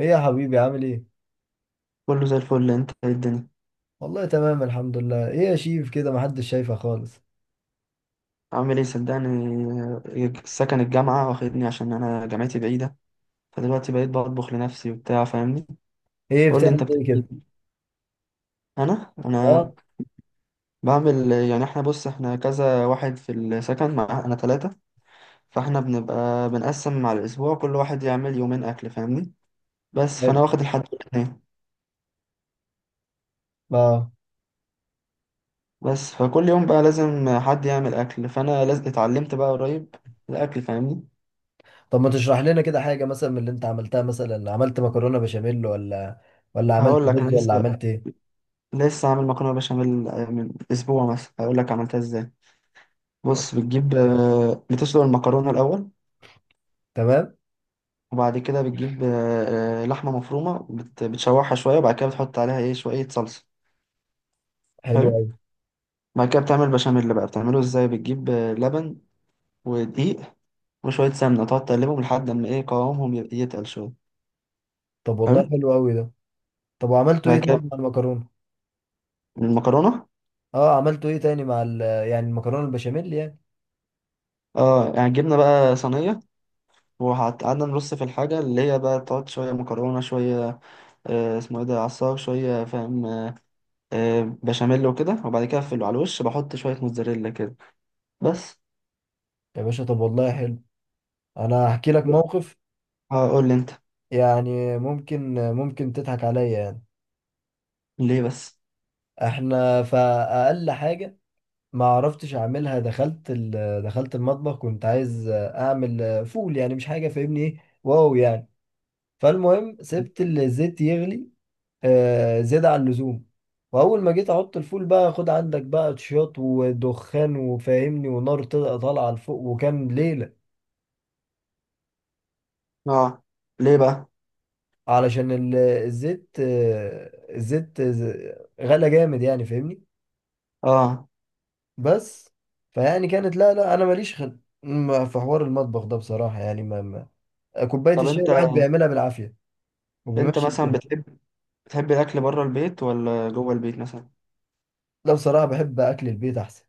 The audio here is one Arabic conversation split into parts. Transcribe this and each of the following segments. ايه يا حبيبي، عامل ايه؟ كله زي الفل، انت ايه الدنيا؟ والله تمام الحمد لله. ايه يا شيف، كده محدش شايفه خالص. عامل ايه صدقني؟ سكن الجامعة واخدني عشان انا جامعتي بعيدة. فدلوقتي بقيت بطبخ لنفسي وبتاع، فاهمني؟ ايه قول لي بتعمل انت ايه بتعمل كده؟ ايه. انا اه. بعمل يعني، احنا بص احنا كذا واحد في السكن، مع انا ثلاثة. فاحنا بنبقى بنقسم على الاسبوع، كل واحد يعمل يومين اكل، فاهمني؟ بس فانا حلو. واخد الحد الاثنين. اه. بس فكل يوم بقى لازم حد يعمل اكل، فانا لازم اتعلمت بقى قريب الاكل، فاهمني؟ طب ما تشرح لنا كده حاجة مثلا من اللي انت عملتها. مثلا عملت مكرونة بشاميل، ولا عملت هقول لك، انا رز، ولا لسه عملت ايه؟ لسه عامل مكرونه بشاميل من اسبوع مثلا، هقول لك عملتها ازاي. بص، بتجيب بتسلق المكرونه الاول. تمام؟ وبعد كده بتجيب لحمه مفرومه، بتشوحها شويه، وبعد كده بتحط عليها ايه شويه صلصه. حلو حلو. قوي. بعد كده بتعمل بشاميل، بقى بتعمله ازاي؟ بتجيب لبن ودقيق وشويه سمنه، تقعد تقلبهم لحد ما ايه قوامهم يتقل شويه. طب حلو. والله حلو قوي ده. طب وعملتوا ايه بعد تاني كده مع المكرونة؟ المكرونه، اه، عملتوا ايه تاني مع ال يعني المكرونة البشاميل يعني؟ اه يعني جبنا بقى صينيه وقعدنا نرص في الحاجه اللي هي بقى، تقعد شويه مكرونه شويه اسمه ايه ده، عصار، شوية فاهم. بشاميل وكده، وبعد كده اقفله على الوش، بحط شوية موتزاريلا كده. بس. يا باشا، طب والله حلو. انا هحكي لك موقف، هقول لي انت. يعني ممكن تضحك عليا يعني. ليه بس؟ احنا فأقل حاجة ما عرفتش اعملها. دخلت المطبخ، كنت عايز اعمل فول، يعني مش حاجه فاهمني ايه، واو يعني. فالمهم سبت الزيت يغلي زيادة عن اللزوم. واول ما جيت احط الفول بقى، خد عندك بقى تشياط ودخان وفاهمني، ونار طالعه لفوق، وكان ليله. اه. ليه بقى؟ علشان الزيت، غلى جامد يعني فاهمني. اه. بس فيعني كانت، لا لا انا ماليش خل... ما- في حوار المطبخ ده بصراحه يعني. كوبايه طب الشاي انت، الواحد بيعملها بالعافيه وبيمشي مثلا الدنيا. بتحب الاكل بره البيت ولا جوه البيت مثلا؟ لا بصراحه بحب اكل البيت احسن.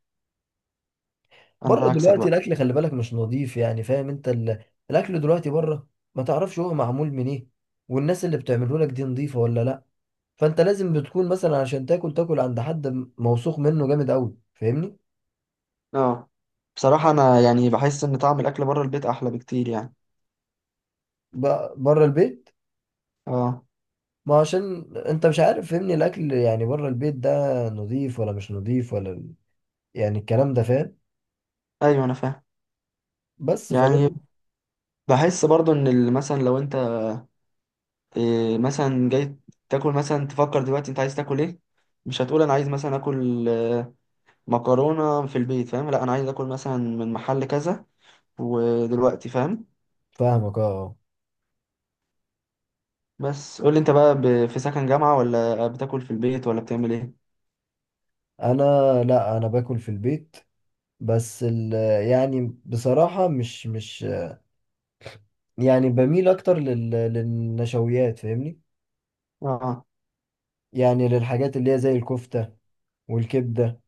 انا بره عكسك دلوقتي بقى. الاكل، خلي بالك، مش نظيف، يعني فاهم انت الاكل دلوقتي بره. ما تعرفش هو معمول من ايه، والناس اللي بتعمله لك دي نظيفه ولا لا. فانت لازم بتكون مثلا عشان تاكل تاكل عند حد موثوق منه جامد قوي فاهمني. اه. بصراحة انا يعني بحس ان طعم الاكل بره البيت احلى بكتير يعني. بره البيت، اه. ما عشان انت مش عارف فاهمني، الاكل يعني بره البيت ده نظيف ولا مش نظيف ولا يعني الكلام ده فاهم. ايوه انا فاهم. بس يعني فاهم. بحس برضو ان مثلا لو انت مثلا جاي تاكل، مثلا تفكر دلوقتي انت عايز تاكل ايه. مش هتقول انا عايز مثلا اكل مكرونة في البيت، فاهم؟ لا انا عايز اكل مثلا من محل كذا ودلوقتي، فاهم؟ فاهمك اه آه. بس قول لي انت بقى، في سكن جامعة ولا بتاكل في البيت ولا بتعمل ايه؟ انا، لا، انا باكل في البيت. بس ال، يعني بصراحة مش يعني بميل اكتر للنشويات فاهمني. اه. يعني للحاجات اللي هي زي الكفتة والكبدة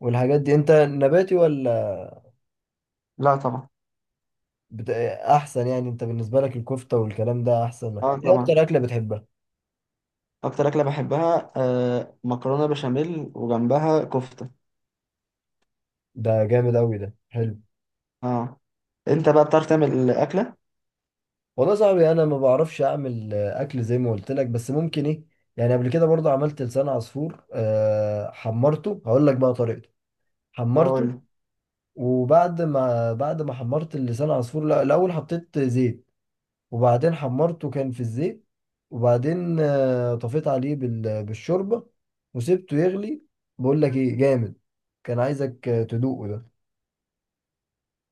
والحاجات دي. انت نباتي ولا لا طبعا. احسن؟ يعني انت بالنسبة لك الكفتة والكلام ده احسن لك. اه ايه اكتر طبعا. اكلة بتحبها؟ اكتر اكلة بحبها مكرونة بشاميل وجنبها كفتة. ده جامد اوي، ده حلو. اه. انت بقى بتعرف تعمل اكلة؟ والله يا صاحبي انا ما بعرفش اعمل اكل زي ما قلت لك، بس ممكن ايه، يعني قبل كده برضه عملت لسان عصفور. حمرته. هقول لك بقى طريقته. هقول حمرته، لي. وبعد ما حمرت اللسان عصفور، لا الاول حطيت زيت، وبعدين حمرته كان في الزيت. وبعدين طفيت عليه بالشوربه وسبته يغلي. بقول لك ايه جامد، كان عايزك تدوقه ده.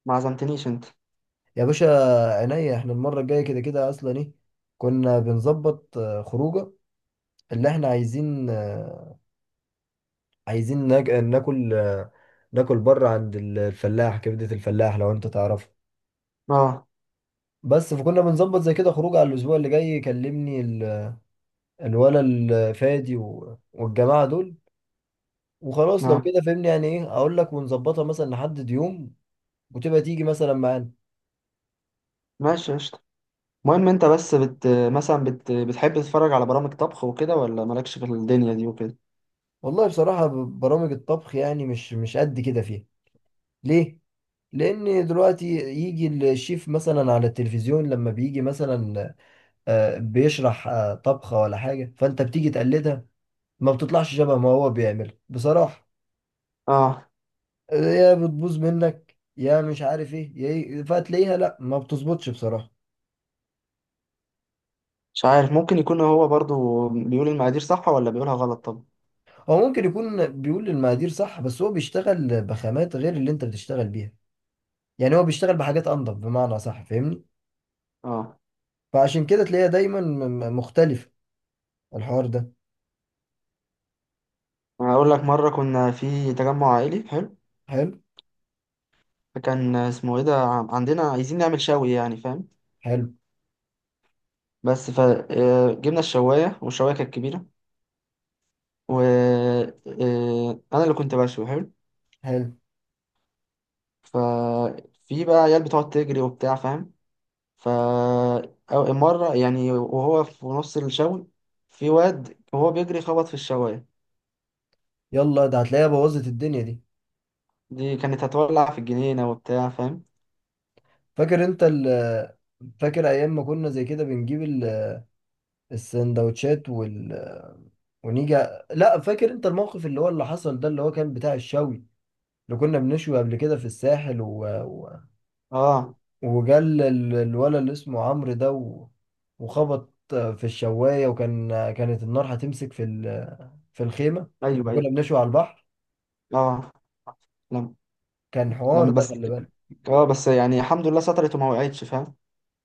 ما عزمتنيش انت؟ يا باشا، عينيا، احنا المره الجايه كده كده اصلا ايه. كنا بنظبط خروجه، اللي احنا عايزين عايزين ناك- ناكل آه، ناكل بره عند الفلاح، كبده الفلاح لو انت تعرفه. اه. بس فكنا بنظبط زي كده خروج على الاسبوع اللي جاي. يكلمني الولا الفادي والجماعه دول، وخلاص لو اه. كده فهمني، يعني ايه، اقول لك ونظبطها مثلا، نحدد يوم وتبقى تيجي مثلا معانا. ماشي قشطة. المهم انت بس مثلا بتحب تتفرج على برامج طبخ وكده ولا مالكش في الدنيا دي وكده؟ والله بصراحه برامج الطبخ يعني مش قد كده فيها. ليه؟ لان دلوقتي يجي الشيف مثلا على التلفزيون، لما بيجي مثلا بيشرح طبخه ولا حاجه، فانت بتيجي تقلدها، ما بتطلعش شبه ما هو بيعمل بصراحه. اه. يا بتبوظ منك، يا مش عارف ايه، يا ايه، فتلاقيها لا ما بتظبطش بصراحة. مش عارف، ممكن يكون هو برضو بيقول المقادير صح ولا بيقولها غلط. طب. هو ممكن يكون بيقول للمقادير صح، بس هو بيشتغل بخامات غير اللي انت بتشتغل بيها، يعني هو بيشتغل بحاجات انضف بمعنى صح فاهمني. اه. فعشان كده تلاقيها دايما مختلفة، الحوار ده. أنا هقول لك. مرة كنا في تجمع عائلي حلو، حلو. فكان اسمه ايه ده، عندنا عايزين نعمل شوي يعني، فاهم؟ حلو. بس فجبنا الشواية، والشواية كانت كبيرة، و انا اللي كنت بشوي. حلو. حلو. ففي بقى عيال بتقعد تجري وبتاع، فاهم؟ ف مرة يعني وهو في نص الشوي، في واد وهو بيجري خبط في الشواية. يلا ده، هتلاقيها بوظت الدنيا دي. دي كانت هتولع في الجنينة وبتاع، فاهم؟ فاكر انت فاكر ايام ما كنا زي كده بنجيب السندوتشات ونيجي. لا فاكر انت الموقف اللي هو اللي حصل ده، اللي هو كان بتاع الشوي، اللي كنا بنشوي قبل كده في الساحل و... اه. وجل الولد اللي اسمه عمرو ده وخبط في الشواية، وكان كانت النار هتمسك في الخيمة ايوه لما ايوه. كنا بنشوي على البحر. اه. لم كان حوار لم ده، بس. خلي بالك. اه. بس يعني الحمد لله سترت وما وقعتش، فاهم؟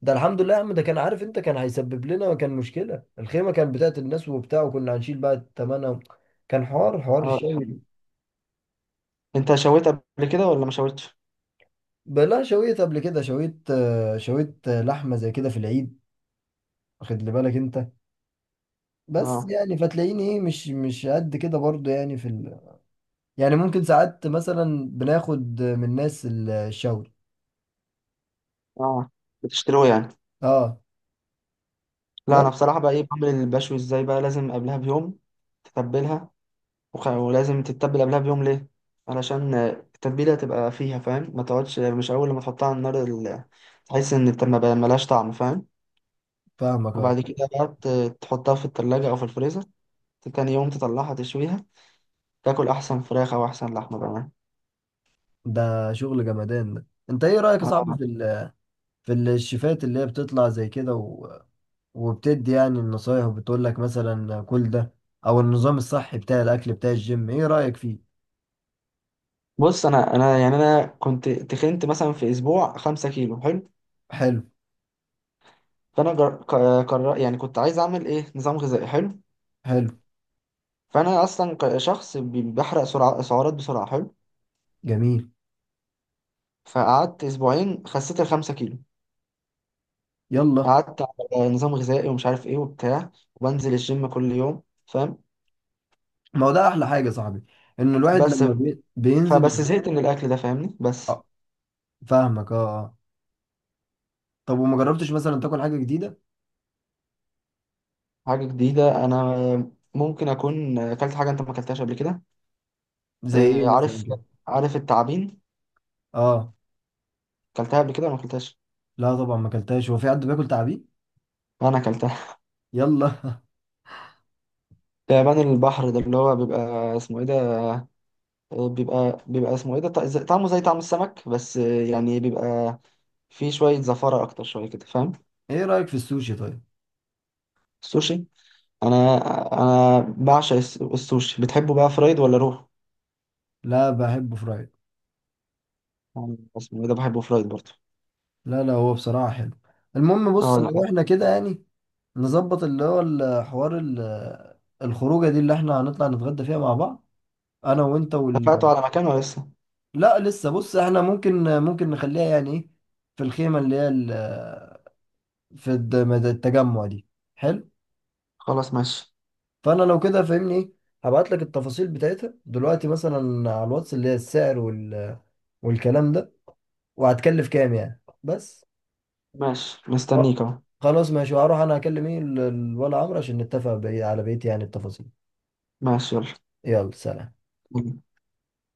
ده الحمد لله يا عم، ده كان، عارف انت، كان هيسبب لنا، كان مشكلة، الخيمة كانت بتاعت الناس وبتاع، وكنا هنشيل بقى تمنها. كان حوار اه. دي الحمد الشوي. لله. انت شويت قبل كده ولا ما شويتش؟ ده لا شويت قبل كده، شويت لحمة زي كده في العيد. واخد لي بالك انت. بس اه. يعني فتلاقيني ايه، مش قد كده برضه يعني يعني ممكن ساعات مثلا بناخد من ناس الشاور. اه. بتشتروه يعني؟ اه لا انا بس. بصراحه بقى ايه، بعمل البشوي ازاي؟ بقى لازم قبلها بيوم تتبلها. ولازم تتبل قبلها بيوم، ليه؟ علشان التتبيله تبقى فيها، فاهم؟ ما تقعدش مش اول لما تحطها على النار تحس ان ما بقى- ملهاش طعم، فاهم؟ فاهمك اه. وبعد كده بقى تحطها في التلاجة او في الفريزر. تاني يوم تطلعها تشويها، تاكل احسن فراخ او احسن لحمه بقى. ده شغل جمدان ده. انت ايه رأيك يا صاحبي آه. في الشيفات اللي هي بتطلع زي كده وبتدي يعني النصايح، وبتقول لك مثلا كل ده، او النظام الصحي بتاع الاكل بتاع الجيم؟ ايه رأيك فيه؟ بص، انا يعني انا كنت تخنت مثلا في اسبوع 5 كيلو. حلو. حلو. فانا قرر يعني كنت عايز اعمل ايه نظام غذائي. حلو. حلو. فانا اصلا شخص بحرق سرعة سعرات بسرعة. حلو. جميل. فقعدت اسبوعين، خسيت الخمسة كيلو، يلا. قعدت على نظام غذائي ومش عارف ايه وبتاع، وبنزل الجيم كل يوم، فاهم؟ ما هو ده احلى حاجة يا صاحبي، ان الواحد بس. لما بينزل فبس الجيم. زهقت من الاكل ده، فاهمني؟ بس. آه. فاهمك اه اه. طب وما جربتش مثلا تاكل حاجة جديدة؟ حاجة جديدة. انا ممكن اكون اكلت حاجة انت ما اكلتهاش قبل كده. زي ايه مثلا عارف. كده؟ التعابين اه. اكلتها قبل كده ولا ما اكلتهاش؟ لا طبعا ما اكلتهاش، هو في حد بياكل تعابين؟ انا اكلتها. يلا. تعبان البحر ده اللي هو بيبقى اسمه ايه ده، بيبقى اسمه ايه ده، طعمه زي طعم السمك، بس يعني بيبقى فيه شوية زفارة اكتر شوية كده، فاهم؟ ايه رايك في السوشي طيب؟ السوشي. انا انا بعشق السوشي. بتحبه بقى فرايد ولا روح؟ لا بحبه فرايد. يعني اسمه ايه ده، بحبه فرايد برضه. لا لا، هو بصراحه حلو. المهم اه بص ولا لو حاجة. احنا كده يعني نظبط اللي هو الحوار الخروجه دي، اللي احنا هنطلع نتغدى فيها مع بعض، انا وانت اتفقتوا وال. على مكان ولا لسه؟ لا لسه، بص احنا ممكن نخليها يعني ايه، في الخيمه اللي هي في الد- التجمع دي. حلو. خلاص ماشي. فانا لو كده فاهمني ايه، هبعت لك التفاصيل بتاعتها دلوقتي مثلا على الواتس، اللي هي السعر والكلام ده، وهتكلف كام يعني بس. ماشي و- مستنيك اهو. خلاص ماشي. وهروح انا اكلم ايه ولا عمرو عشان نتفق على بقية يعني التفاصيل. ماشي يلا. يلا سلام.